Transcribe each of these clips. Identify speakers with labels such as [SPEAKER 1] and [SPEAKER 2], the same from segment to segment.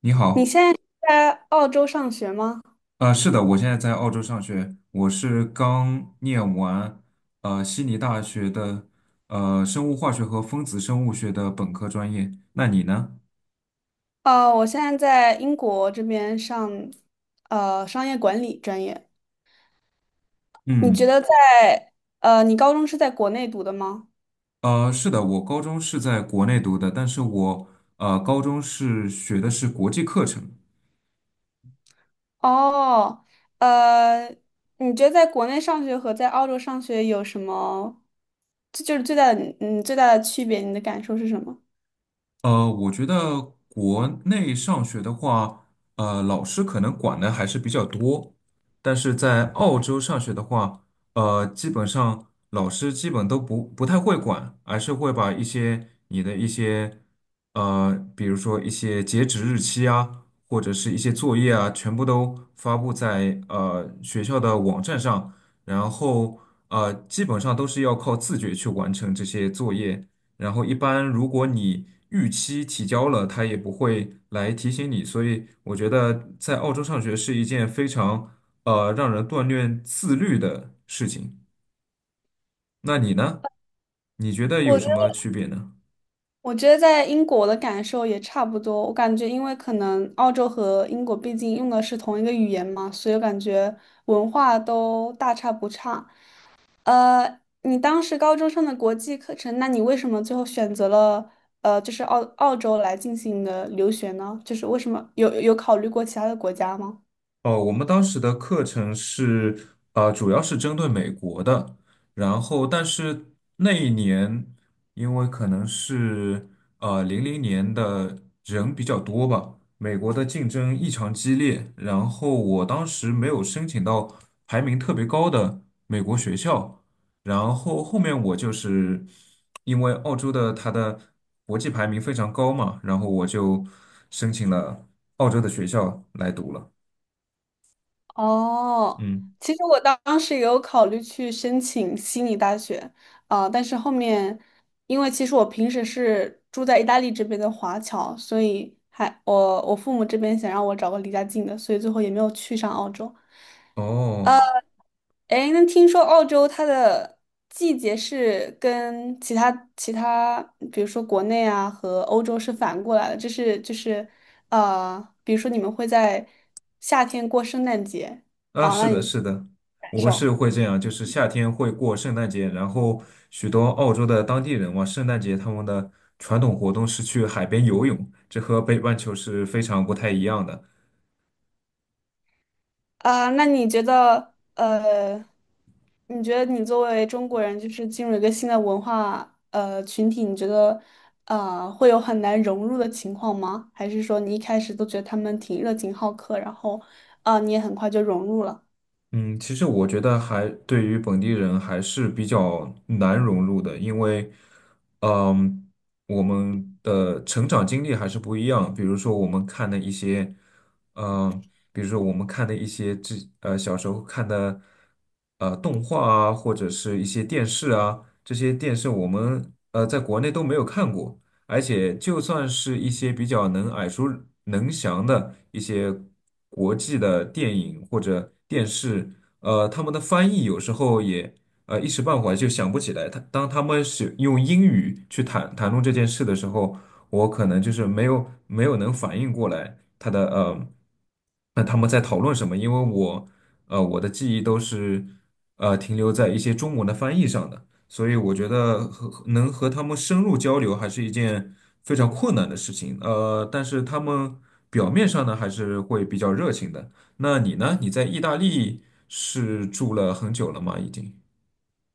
[SPEAKER 1] 你
[SPEAKER 2] 你
[SPEAKER 1] 好，
[SPEAKER 2] 现在在澳洲上学吗？
[SPEAKER 1] 是的，我现在在澳洲上学，我是刚念完悉尼大学的生物化学和分子生物学的本科专业。那你呢？
[SPEAKER 2] 哦，我现在在英国这边上，商业管理专业。你觉
[SPEAKER 1] 嗯，
[SPEAKER 2] 得在，你高中是在国内读的吗？
[SPEAKER 1] 是的，我高中是在国内读的，但是我高中是学的是国际课程。
[SPEAKER 2] 哦，呃，你觉得在国内上学和在澳洲上学有什么，这就是最大的，嗯，最大的区别，你的感受是什么？
[SPEAKER 1] 我觉得国内上学的话，老师可能管的还是比较多，但是在澳洲上学的话，基本上老师基本都不太会管，而是会把一些你的一些，比如说一些截止日期啊，或者是一些作业啊，全部都发布在学校的网站上。然后基本上都是要靠自觉去完成这些作业。然后一般如果你逾期提交了，他也不会来提醒你，所以我觉得在澳洲上学是一件非常让人锻炼自律的事情。那你呢？你觉得有
[SPEAKER 2] 我觉
[SPEAKER 1] 什
[SPEAKER 2] 得。
[SPEAKER 1] 么区别呢？
[SPEAKER 2] 我觉得在英国的感受也差不多，我感觉因为可能澳洲和英国毕竟用的是同一个语言嘛，所以我感觉文化都大差不差。你当时高中上的国际课程，那你为什么最后选择了就是澳洲来进行的留学呢？就是为什么有考虑过其他的国家吗？
[SPEAKER 1] 哦，我们当时的课程是，主要是针对美国的。然后但是那一年，因为可能是零零年的人比较多吧，美国的竞争异常激烈，然后我当时没有申请到排名特别高的美国学校，然后后面我就是因为澳洲的它的国际排名非常高嘛，然后我就申请了澳洲的学校来读了，
[SPEAKER 2] 哦，
[SPEAKER 1] 嗯。
[SPEAKER 2] 其实我当时也有考虑去申请悉尼大学啊，但是后面，因为其实我平时是住在意大利这边的华侨，所以还我父母这边想让我找个离家近的，所以最后也没有去上澳洲。
[SPEAKER 1] 哦，
[SPEAKER 2] 哎，那听说澳洲它的季节是跟其他,比如说国内啊和欧洲是反过来的，就是,比如说你们会在夏天过圣诞节
[SPEAKER 1] 啊，
[SPEAKER 2] 啊，
[SPEAKER 1] 是
[SPEAKER 2] 那你
[SPEAKER 1] 的，是的，
[SPEAKER 2] 感
[SPEAKER 1] 我们
[SPEAKER 2] 受？
[SPEAKER 1] 是会这样，就是夏天会过圣诞节。然后许多澳洲的当地人嘛，圣诞节他们的传统活动是去海边游泳，这和北半球是非常不太一样的。
[SPEAKER 2] 啊，那你觉得，你觉得你作为中国人，就是进入一个新的文化群体，你觉得会有很难融入的情况吗？还是说你一开始都觉得他们挺热情好客，然后啊，你也很快就融入了？
[SPEAKER 1] 嗯，其实我觉得还对于本地人还是比较难融入的。因为，嗯，我们的成长经历还是不一样。比如说我们看的一些，比如说我们看的一些这小时候看的动画啊，或者是一些电视啊，这些电视我们在国内都没有看过。而且就算是一些比较能耳熟能详的一些国际的电影或者电视，他们的翻译有时候也一时半会儿就想不起来。当他们是用英语去谈论这件事的时候，我可能就是没有能反应过来他的那他们在讨论什么。因为我我的记忆都是停留在一些中文的翻译上的。所以我觉得和能和他们深入交流还是一件非常困难的事情。但是他们表面上呢还是会比较热情的。那你呢？你在意大利是住了很久了吗？已经。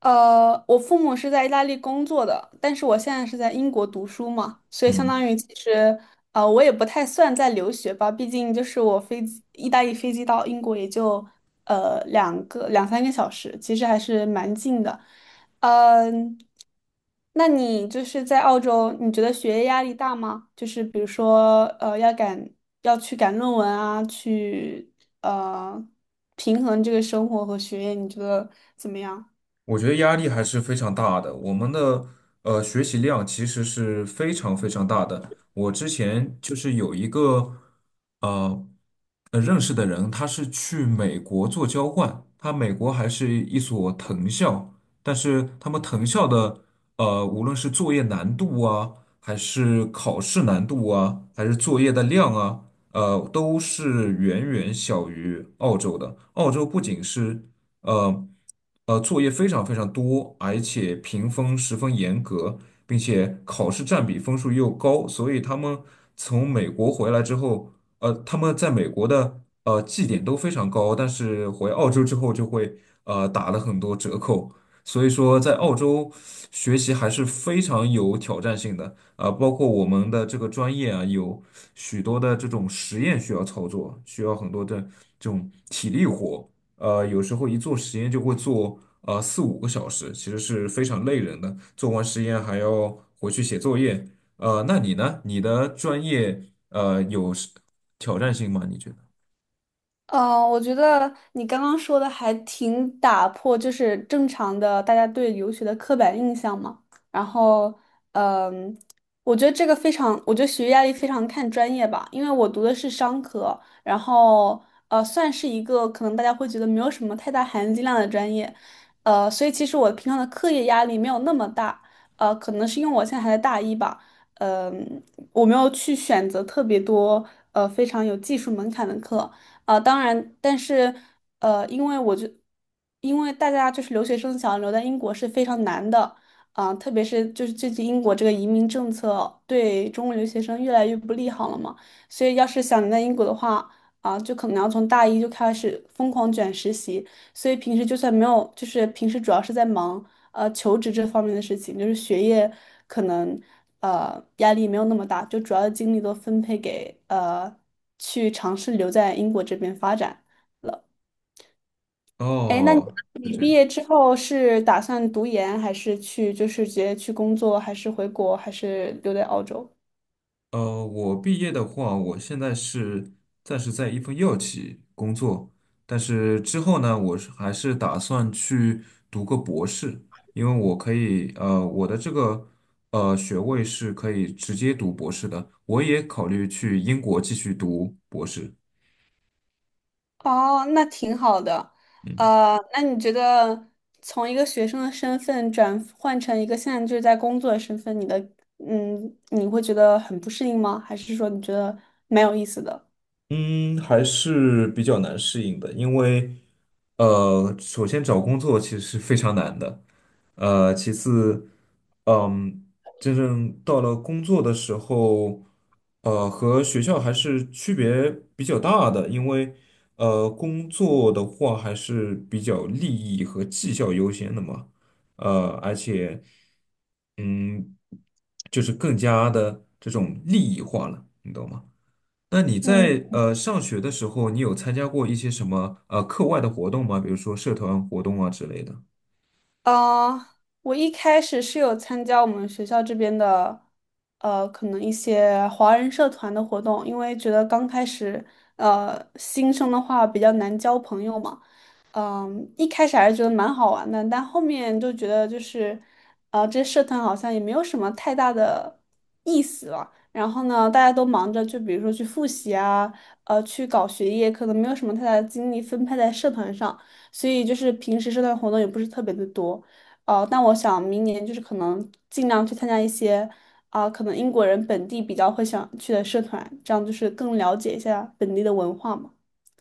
[SPEAKER 2] 我父母是在意大利工作的，但是我现在是在英国读书嘛，所以相
[SPEAKER 1] 嗯。
[SPEAKER 2] 当于其实，我也不太算在留学吧，毕竟就是我飞机，意大利飞机到英国也就两三个小时，其实还是蛮近的。嗯，那你就是在澳洲，你觉得学业压力大吗？就是比如说，要去赶论文啊，去呃平衡这个生活和学业，你觉得怎么样？
[SPEAKER 1] 我觉得压力还是非常大的。我们的学习量其实是非常非常大的。我之前就是有一个呃认识的人，他是去美国做交换，他美国还是一所藤校。但是他们藤校的无论是作业难度啊，还是考试难度啊，还是作业的量啊。都是远远小于澳洲的。澳洲不仅是呃作业非常非常多，而且评分十分严格，并且考试占比分数又高，所以他们从美国回来之后，他们在美国的绩点都非常高，但是回澳洲之后就会打了很多折扣。所以说在澳洲学习还是非常有挑战性的，啊、包括我们的这个专业啊，有许多的这种实验需要操作，需要很多的这种体力活。有时候一做实验就会做四五个小时，其实是非常累人的。做完实验还要回去写作业。那你呢？你的专业是挑战性吗？你觉得？
[SPEAKER 2] 嗯，我觉得你刚刚说的还挺打破，就是正常的大家对留学的刻板印象嘛。然后，嗯，我觉得学业压力非常看专业吧，因为我读的是商科，然后算是一个可能大家会觉得没有什么太大含金量的专业，所以其实我平常的课业压力没有那么大，可能是因为我现在还在大一吧，嗯，我没有去选择特别多非常有技术门槛的课。啊，当然，但是呃，因为我就，因为大家就是留学生想留在英国是非常难的，啊、特别是就是最近英国这个移民政策对中国留学生越来越不利好了嘛，所以要是想留在英国的话，啊、就可能要从大一就开始疯狂卷实习，所以平时就算没有，就是平时主要是在忙。求职这方面的事情，就是学业可能压力没有那么大，就主要的精力都分配给去尝试留在英国这边发展。哎，那你
[SPEAKER 1] 哦，就
[SPEAKER 2] 你
[SPEAKER 1] 这
[SPEAKER 2] 毕
[SPEAKER 1] 样。
[SPEAKER 2] 业之后是打算读研，还是去就是直接去工作，还是回国，还是留在澳洲？
[SPEAKER 1] 我毕业的话，我现在是暂时在一份药企工作，但是之后呢，我是还是打算去读个博士。因为我可以，我的这个学位是可以直接读博士的，我也考虑去英国继续读博士。
[SPEAKER 2] 哦，那挺好的。
[SPEAKER 1] 嗯。
[SPEAKER 2] 那你觉得从一个学生的身份转换成一个现在就是在工作的身份，你的嗯，你会觉得很不适应吗？还是说你觉得蛮有意思的？
[SPEAKER 1] 嗯，还是比较难适应的。因为首先找工作其实是非常难的。其次，嗯，真正到了工作的时候，和学校还是区别比较大的。因为工作的话还是比较利益和绩效优先的嘛。而且，嗯，就是更加的这种利益化了，你懂吗？那你
[SPEAKER 2] 嗯。
[SPEAKER 1] 在上学的时候，你有参加过一些什么课外的活动吗？比如说社团活动啊之类的。
[SPEAKER 2] 呃，我一开始是有参加我们学校这边的，可能一些华人社团的活动，因为觉得刚开始，新生的话比较难交朋友嘛，嗯、一开始还是觉得蛮好玩的，但后面就觉得就是，这社团好像也没有什么太大的意思了。然后呢，大家都忙着，就比如说去复习啊，去搞学业，可能没有什么太大的精力分配在社团上。所以就是平时社团活动也不是特别的多，但我想明年就是可能尽量去参加一些，啊、可能英国人本地比较会想去的社团，这样就是更了解一下本地的文化嘛。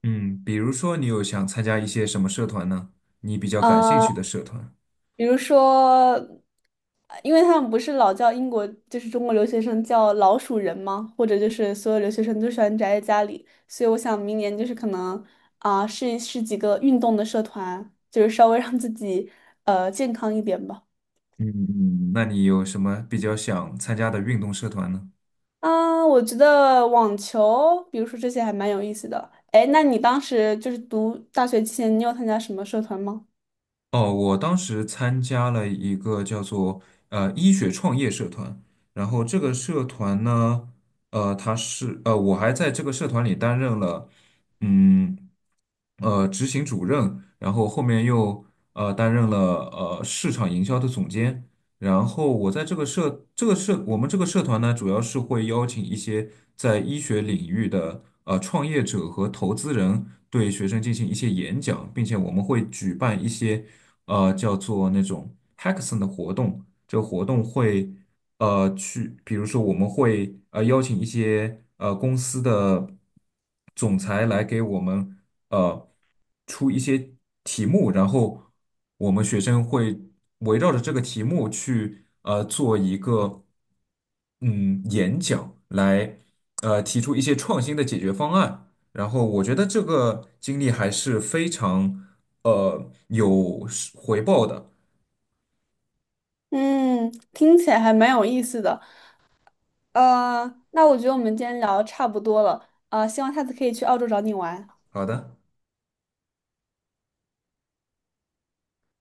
[SPEAKER 1] 嗯，比如说你有想参加一些什么社团呢？你比较感兴
[SPEAKER 2] 呃，
[SPEAKER 1] 趣的社团。
[SPEAKER 2] 比如说,因为他们不是老叫英国就是中国留学生叫老鼠人吗？或者就是所有留学生都喜欢宅在家里，所以我想明年就是可能啊、试一试几个运动的社团，就是稍微让自己健康一点吧。
[SPEAKER 1] 嗯，那你有什么比较想参加的运动社团呢？
[SPEAKER 2] 嗯，我觉得网球，比如说这些还蛮有意思的。哎，那你当时就是读大学期间，你有参加什么社团吗？
[SPEAKER 1] 哦，我当时参加了一个叫做医学创业社团。然后这个社团呢，我还在这个社团里担任了，嗯，执行主任，然后后面又担任了市场营销的总监。然后我们这个社团呢，主要是会邀请一些在医学领域的创业者和投资人对学生进行一些演讲，并且我们会举办一些叫做那种 hackathon 的活动。这个活动会去，比如说我们会邀请一些公司的总裁来给我们呃出一些题目。然后我们学生会围绕着这个题目去做一个演讲，来提出一些创新的解决方案。然后我觉得这个经历还是非常有回报的。
[SPEAKER 2] 嗯，听起来还蛮有意思的。那我觉得我们今天聊得差不多了。希望下次可以去澳洲找你玩。
[SPEAKER 1] 好的。